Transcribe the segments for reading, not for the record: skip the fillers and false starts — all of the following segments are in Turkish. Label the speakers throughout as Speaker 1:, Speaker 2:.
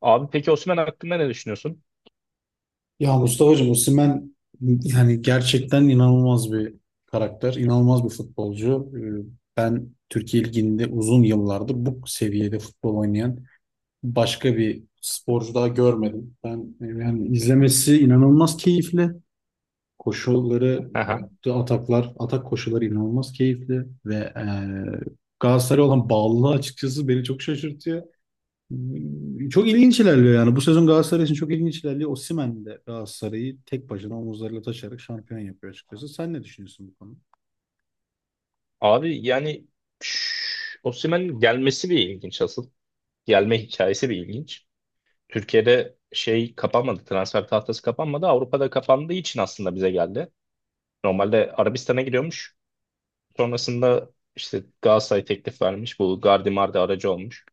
Speaker 1: Abi peki Osimhen hakkında ne düşünüyorsun?
Speaker 2: Ya Mustafa'cığım Osimhen yani gerçekten inanılmaz bir karakter, inanılmaz bir futbolcu. Ben Türkiye Ligi'nde uzun yıllardır bu seviyede futbol oynayan başka bir sporcu daha görmedim. Ben yani izlemesi inanılmaz keyifli. Koşulları
Speaker 1: Aha.
Speaker 2: yaptığı ataklar, atak koşuları inanılmaz keyifli ve Galatasaray'a olan bağlılığı açıkçası beni çok şaşırtıyor. Çok ilginç ilerliyor yani. Bu sezon Galatasaray için çok ilginç ilerliyor. Osimhen de Galatasaray'ı tek başına omuzlarıyla taşıyarak şampiyon yapıyor açıkçası. Sen ne düşünüyorsun bu konuda?
Speaker 1: Abi yani Osimhen'in gelmesi bir ilginç asıl. Gelme hikayesi bir ilginç. Türkiye'de şey kapanmadı, transfer tahtası kapanmadı. Avrupa'da kapandığı için aslında bize geldi. Normalde Arabistan'a gidiyormuş. Sonrasında işte Galatasaray teklif vermiş. Bu Gardi Mardi aracı olmuş.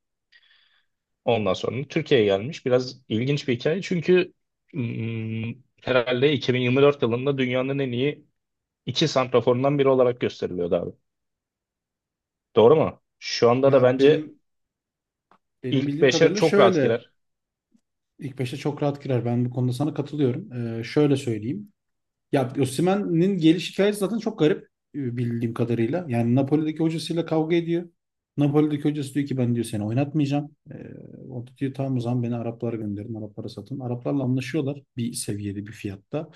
Speaker 1: Ondan sonra Türkiye'ye gelmiş. Biraz ilginç bir hikaye. Çünkü hmm, herhalde 2024 yılında dünyanın en iyi iki santraforundan biri olarak gösteriliyordu. Doğru mu? Şu anda da
Speaker 2: Ya
Speaker 1: bence
Speaker 2: benim
Speaker 1: ilk
Speaker 2: bildiğim
Speaker 1: 5'e
Speaker 2: kadarıyla
Speaker 1: çok rahat
Speaker 2: şöyle
Speaker 1: girer.
Speaker 2: ilk beşe çok rahat girer. Ben bu konuda sana katılıyorum. Şöyle söyleyeyim. Ya Osimhen'in geliş hikayesi zaten çok garip, bildiğim kadarıyla. Yani Napoli'deki hocasıyla kavga ediyor. Napoli'deki hocası diyor ki ben diyor seni oynatmayacağım. O da diyor tamam o zaman beni Araplara gönderin, Araplara satın. Araplarla anlaşıyorlar bir seviyede, bir fiyatta.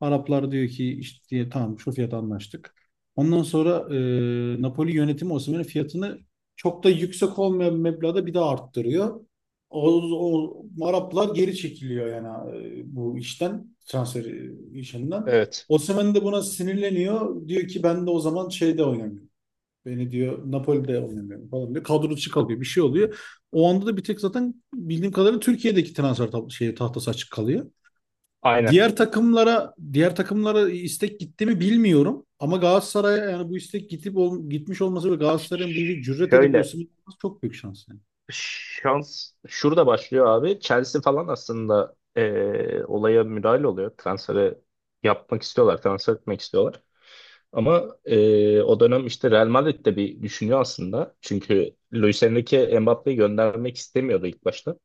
Speaker 2: Araplar diyor ki işte diye, tamam şu fiyata anlaştık. Ondan sonra Napoli yönetimi Osimhen'in fiyatını çok da yüksek olmayan bir meblağda bir daha arttırıyor. O, o Araplar geri çekiliyor yani bu işten transfer işinden.
Speaker 1: Evet.
Speaker 2: Osimhen de buna sinirleniyor. Diyor ki ben de o zaman şeyde oynamıyorum. Beni diyor Napoli'de oynamıyorum falan diyor. Kadro dışı kalıyor. Bir şey oluyor. O anda da bir tek zaten bildiğim kadarıyla Türkiye'deki transfer tahtası açık kalıyor.
Speaker 1: Aynen.
Speaker 2: Diğer takımlara istek gitti mi bilmiyorum. Ama Galatasaray'a yani bu istek gitip gitmiş olması ve Galatasaray'ın bu işe cüret edip
Speaker 1: Şöyle
Speaker 2: Osimhen'i alması çok büyük şans yani.
Speaker 1: Şans şurada başlıyor abi. Chelsea falan aslında olaya müdahale oluyor. Transferi yapmak istiyorlar. Transfer etmek istiyorlar. Ama o dönem işte Real Madrid de bir düşünüyor aslında. Çünkü Luis Enrique Mbappe'yi göndermek istemiyordu ilk başta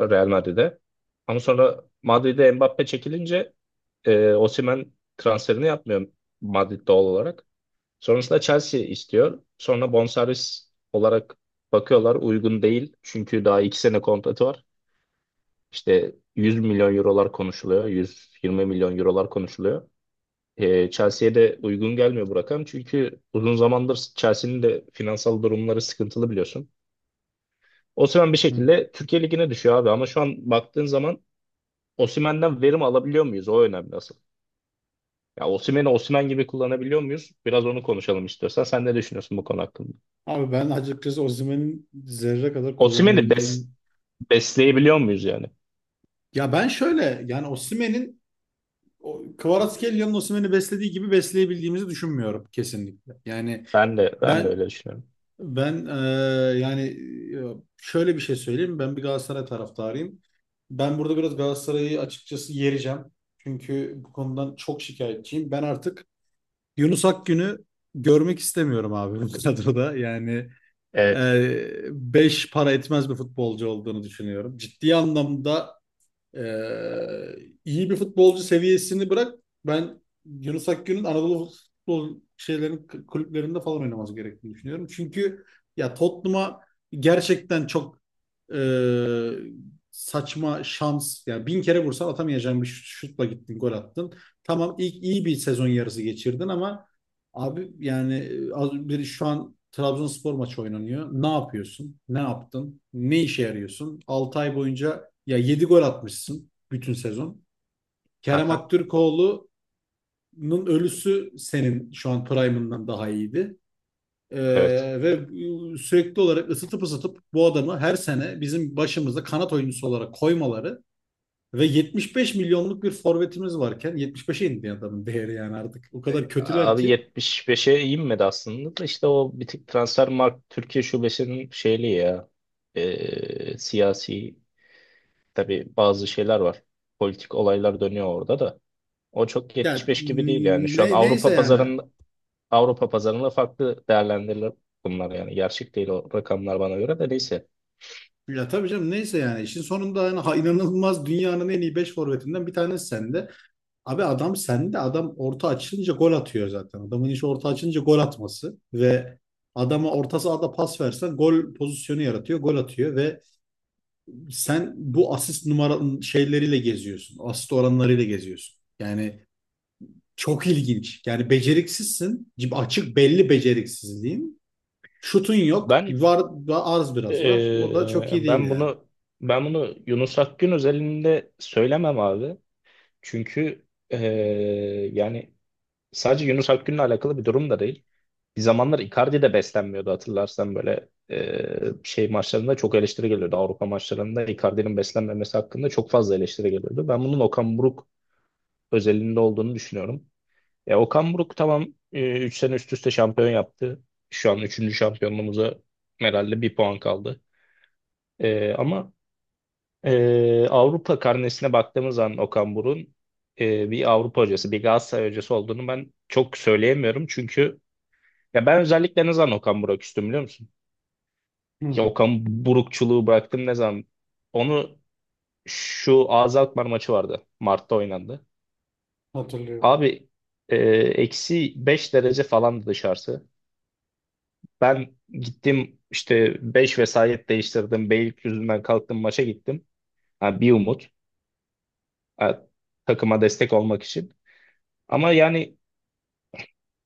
Speaker 1: Real Madrid'e. Ama sonra Madrid'e Mbappe çekilince Osimhen transferini yapmıyor Madrid doğal olarak. Sonrasında Chelsea istiyor. Sonra bonservis olarak bakıyorlar uygun değil. Çünkü daha 2 sene kontratı var. İşte 100 milyon eurolar konuşuluyor. 120 milyon eurolar konuşuluyor. Chelsea'ye de uygun gelmiyor bu rakam. Çünkü uzun zamandır Chelsea'nin de finansal durumları sıkıntılı biliyorsun. Osimhen bir
Speaker 2: Hı.
Speaker 1: şekilde Türkiye Ligi'ne düşüyor abi. Ama şu an baktığın zaman Osimhen'den verim alabiliyor muyuz? O önemli asıl. Ya Osimhen'i Osimhen gibi kullanabiliyor muyuz? Biraz onu konuşalım istiyorsan. Sen ne düşünüyorsun bu konu hakkında?
Speaker 2: Abi ben açıkçası Osimhen'in zerre kadar
Speaker 1: Osimhen'i
Speaker 2: kullanabildiğim,
Speaker 1: besleyebiliyor muyuz yani?
Speaker 2: ya ben şöyle, yani Osimhen'in o Kvaratskhelia'nın Osimhen'i beslediği gibi besleyebildiğimizi düşünmüyorum kesinlikle. Yani
Speaker 1: Ben de
Speaker 2: ben
Speaker 1: öyle düşünüyorum.
Speaker 2: ben yani şöyle bir şey söyleyeyim. Ben bir Galatasaray taraftarıyım. Ben burada biraz Galatasaray'ı açıkçası yereceğim. Çünkü bu konudan çok şikayetçiyim. Ben artık Yunus Akgün'ü görmek istemiyorum abi bu kadroda. Yani
Speaker 1: Evet.
Speaker 2: beş para etmez bir futbolcu olduğunu düşünüyorum. Ciddi anlamda ee, iyi bir futbolcu seviyesini bırak. Ben Yunus Akgün'ün Anadolu futbol şeylerin kulüplerinde falan oynaması gerektiğini düşünüyorum. Çünkü ya Tottenham'a gerçekten çok e, saçma şans. Yani bin kere vursan atamayacağın bir şutla gittin, gol attın. Tamam ilk iyi bir sezon yarısı geçirdin ama abi yani az, bir şu an Trabzonspor maçı oynanıyor. Ne yapıyorsun? Ne yaptın? Ne işe yarıyorsun? 6 ay boyunca ya 7 gol atmışsın bütün sezon. Kerem
Speaker 1: Aha.
Speaker 2: Aktürkoğlu'nun ölüsü senin şu an prime'ından daha iyiydi. Ee,
Speaker 1: Evet.
Speaker 2: ve sürekli olarak ısıtıp ısıtıp bu adamı her sene bizim başımızda kanat oyuncusu olarak koymaları ve 75 milyonluk bir forvetimiz varken 75'e indi adamın değeri yani artık. O kadar kötüler
Speaker 1: Abi
Speaker 2: ki.
Speaker 1: 75'e inmedi aslında da işte o bir tık Transfermarkt Türkiye şubesinin şeyli ya siyasi tabii bazı şeyler var. Politik olaylar dönüyor orada da. O çok
Speaker 2: Ya
Speaker 1: 75 gibi değil yani. Şu an
Speaker 2: neyse
Speaker 1: Avrupa
Speaker 2: yani.
Speaker 1: pazarında Avrupa pazarında farklı değerlendirilir bunlar yani. Gerçek değil o rakamlar bana göre de neyse.
Speaker 2: Ya tabii canım neyse yani. İşin sonunda yani, ha, inanılmaz dünyanın en iyi 5 forvetinden bir tanesi sende. Abi adam sende, adam orta açılınca gol atıyor zaten. Adamın işi orta açılınca gol atması ve adama orta sahada pas versen gol pozisyonu yaratıyor, gol atıyor ve sen bu asist numara şeyleriyle geziyorsun. Asist oranlarıyla geziyorsun. Yani çok ilginç. Yani beceriksizsin. Açık belli beceriksizliğin. Şutun yok.
Speaker 1: Ben
Speaker 2: Var, arz biraz var. O da çok iyi
Speaker 1: Ee,
Speaker 2: değil
Speaker 1: ben
Speaker 2: yani.
Speaker 1: bunu ben bunu Yunus Akgün özelinde söylemem abi. Çünkü yani sadece Yunus Akgün'le alakalı bir durum da değil. Bir zamanlar Icardi de beslenmiyordu hatırlarsan böyle şey maçlarında çok eleştiri geliyordu. Avrupa maçlarında Icardi'nin beslenmemesi hakkında çok fazla eleştiri geliyordu. Ben bunun Okan Buruk özelinde olduğunu düşünüyorum. Okan Buruk tamam 3 sene üst üste şampiyon yaptı. Şu an üçüncü şampiyonluğumuza herhalde bir puan kaldı. Ama Avrupa karnesine baktığımız zaman Okan Buruk'un bir Avrupa hocası, bir Galatasaray hocası olduğunu ben çok söyleyemiyorum. Çünkü ya ben özellikle ne zaman Okan Buruk üstüm biliyor musun? Ya
Speaker 2: Hı,
Speaker 1: Okan Burukçuluğu bıraktım ne zaman? Onu şu AZ Alkmaar maçı vardı. Mart'ta oynandı.
Speaker 2: hatırlıyorum.
Speaker 1: Abi -5 derece falandı dışarısı. Ben gittim işte 5 vesayet değiştirdim. Beylikdüzü'nden kalktım maça gittim. Ha, bir umut. Ha, takıma destek olmak için. Ama yani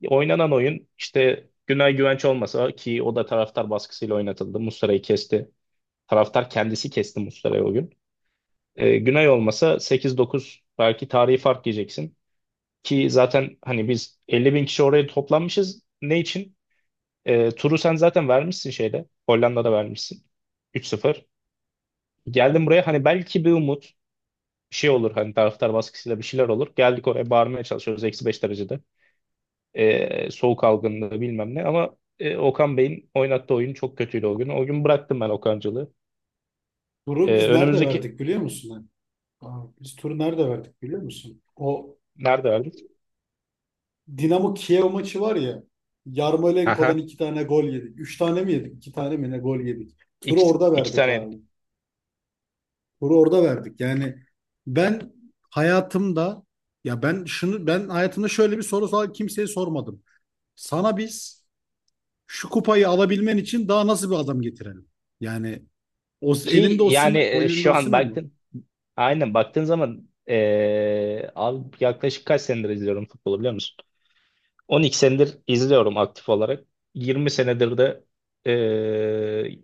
Speaker 1: oynanan oyun işte Günay Güvenç olmasa ki o da taraftar baskısıyla oynatıldı. Muslera'yı kesti. Taraftar kendisi kesti Muslera'yı o gün. Günay olmasa sekiz dokuz belki tarihi fark yiyeceksin. Ki zaten hani biz 50.000 kişi oraya toplanmışız. Ne için? Turu sen zaten vermişsin şeyde. Hollanda'da vermişsin. 3-0. Geldim buraya hani belki bir umut bir şey olur. Hani taraftar baskısıyla bir şeyler olur. Geldik oraya bağırmaya çalışıyoruz. -5 derecede. Soğuk algınlığı bilmem ne ama Okan Bey'in oynattığı oyun çok kötüydü o gün. O gün bıraktım ben Okancılığı.
Speaker 2: Turu
Speaker 1: E,
Speaker 2: biz nerede
Speaker 1: önümüzdeki
Speaker 2: verdik biliyor musun? Aa, biz turu nerede verdik biliyor musun? O
Speaker 1: nerede verdik?
Speaker 2: Dinamo Kiev maçı var ya. Yarmolenko'dan
Speaker 1: Aha.
Speaker 2: iki tane gol yedik. Üç tane mi yedik? İki tane mi ne gol yedik? Turu
Speaker 1: İki,
Speaker 2: orada
Speaker 1: iki
Speaker 2: verdik
Speaker 1: tane
Speaker 2: abi.
Speaker 1: yedik.
Speaker 2: Turu orada verdik. Yani ben hayatımda, ya ben şunu ben hayatımda şöyle bir kimseye sormadım. Sana biz şu kupayı alabilmen için daha nasıl bir adam getirelim? Yani o
Speaker 1: Ki
Speaker 2: elinde
Speaker 1: yani
Speaker 2: Osimhen, o elinde
Speaker 1: şu an
Speaker 2: Osimhen mi?
Speaker 1: aynen baktığın zaman abi yaklaşık kaç senedir izliyorum futbolu biliyor musun? 12 senedir izliyorum aktif olarak. 20 senedir de e,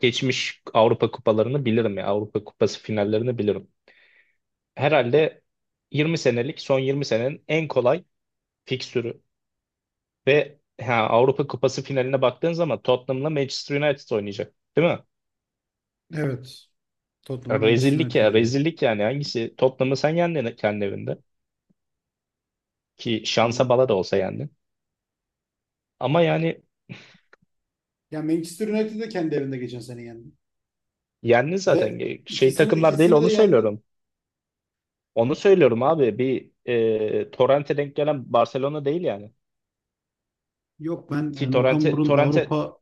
Speaker 1: geçmiş Avrupa kupalarını bilirim ya. Avrupa Kupası finallerini bilirim. Herhalde 20 senelik son 20 senenin en kolay fikstürü ve Avrupa Kupası finaline baktığın zaman Tottenham'la Manchester United oynayacak. Değil mi?
Speaker 2: Evet. Tottenham'da Manchester
Speaker 1: Rezillik
Speaker 2: United
Speaker 1: ya
Speaker 2: oynuyor.
Speaker 1: rezillik yani hangisi? Tottenham'ı sen yendin kendi evinde. Ki
Speaker 2: Hı.
Speaker 1: şansa bala da olsa yendin. Ama yani
Speaker 2: Ya Manchester United de kendi evinde geçen sene yendi.
Speaker 1: yendin zaten.
Speaker 2: Ve
Speaker 1: Şey
Speaker 2: ikisini
Speaker 1: takımlar değil
Speaker 2: ikisini de
Speaker 1: onu
Speaker 2: yendi.
Speaker 1: söylüyorum. Onu söylüyorum abi. Bir Torrent'e denk gelen Barcelona değil yani.
Speaker 2: Yok ben
Speaker 1: Ki
Speaker 2: yani
Speaker 1: Torrent'e Torrent'e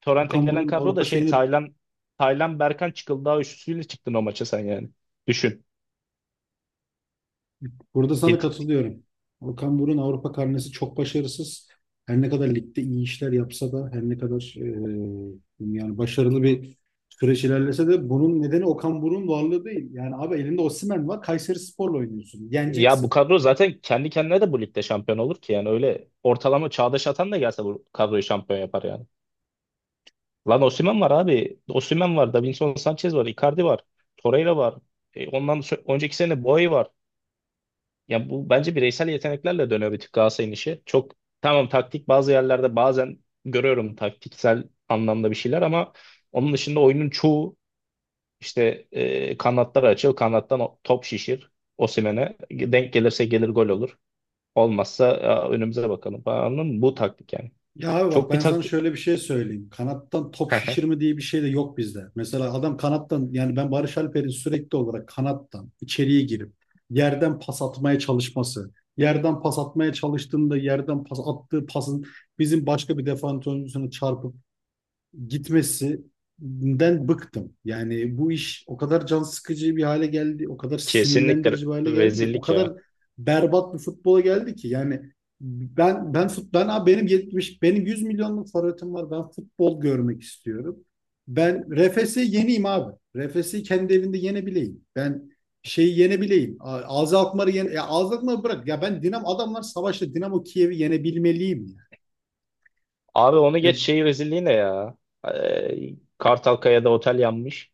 Speaker 1: Torrent'e
Speaker 2: Okan
Speaker 1: gelen
Speaker 2: Buruk'un
Speaker 1: kadro
Speaker 2: Avrupa
Speaker 1: da şey
Speaker 2: şeyini
Speaker 1: Taylan Berkan Çıkıldağ üçlüsüyle çıktın o maça sen yani. Düşün.
Speaker 2: burada sana
Speaker 1: Git.
Speaker 2: katılıyorum. Okan Buruk'un Avrupa karnesi çok başarısız. Her ne kadar ligde iyi işler yapsa da, her ne kadar yani başarılı bir süreç ilerlese de bunun nedeni Okan Buruk'un varlığı değil. Yani abi elinde Osimhen var. Kayserispor'la oynuyorsun.
Speaker 1: Ya bu
Speaker 2: Yeneceksin.
Speaker 1: kadro zaten kendi kendine de bu ligde şampiyon olur ki yani öyle ortalama Çağdaş Atan da gelse bu kadroyu şampiyon yapar yani. Lan Osimhen var abi. Osimhen var, Davinson Sanchez var, Icardi var, Torreira var. Önceki sene Boey var. Yani bu bence bireysel yeteneklerle dönüyor bir tık Galatasaray'ın işi. Çok tamam taktik bazı yerlerde bazen görüyorum taktiksel anlamda bir şeyler ama onun dışında oyunun çoğu işte kanatlar açıl, kanattan top şişir Osimhen'e. Denk gelirse gelir gol olur. Olmazsa "Aa, önümüze bakalım falan anladın mı? Bu taktik yani.
Speaker 2: Ya abi bak
Speaker 1: Çok bir
Speaker 2: ben sana
Speaker 1: taktik.
Speaker 2: şöyle bir şey söyleyeyim. Kanattan top şişirme diye bir şey de yok bizde. Mesela adam kanattan, yani ben Barış Alper'in sürekli olarak kanattan içeriye girip yerden pas atmaya çalışması, yerden pas atmaya çalıştığında yerden pas attığı pasın bizim başka bir defans oyuncusuna çarpıp gitmesinden bıktım. Yani bu iş o kadar can sıkıcı bir hale geldi, o kadar
Speaker 1: Kesinlikle
Speaker 2: sinirlendirici bir hale geldi ki, o
Speaker 1: rezillik
Speaker 2: kadar
Speaker 1: ya.
Speaker 2: berbat bir futbola geldi ki. Yani ben abi benim 100 milyonluk forvetim var. Ben futbol görmek istiyorum. Ben RFS'i yeneyim abi. RFS'i kendi evinde yenebileyim. Ben şeyi yenebileyim. Azı Alkmaar'ı yene, ya Azı Alkmaar'ı bırak. Ya ben Dinamo, adamlar savaşta Dinamo Kiev'i yenebilmeliyim ya.
Speaker 1: Abi onu
Speaker 2: Ya
Speaker 1: geç şey rezilliği ne ya? Kartalkaya'da otel yanmış.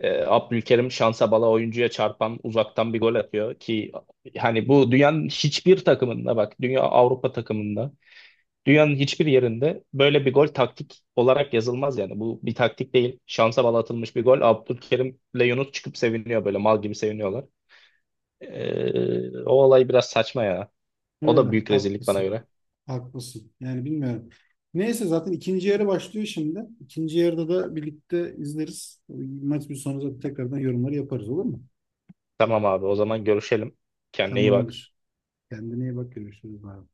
Speaker 1: Abdülkerim şansa bala oyuncuya çarpan uzaktan bir gol atıyor ki hani bu dünyanın hiçbir takımında bak dünya Avrupa takımında dünyanın hiçbir yerinde böyle bir gol taktik olarak yazılmaz yani. Bu bir taktik değil. Şansa bala atılmış bir gol. Abdülkerim'le Yunus çıkıp seviniyor böyle mal gibi seviniyorlar. O olay biraz saçma ya. O da
Speaker 2: öyle
Speaker 1: büyük rezillik bana
Speaker 2: haklısın.
Speaker 1: göre.
Speaker 2: Haklısın. Yani bilmiyorum. Neyse zaten ikinci yarı başlıyor şimdi. İkinci yarıda da birlikte izleriz. Maç bir sonra zaten tekrardan yorumları yaparız, olur mu?
Speaker 1: Tamam abi o zaman görüşelim. Kendine iyi bak.
Speaker 2: Tamamdır. Kendine iyi bak, görüşürüz abi.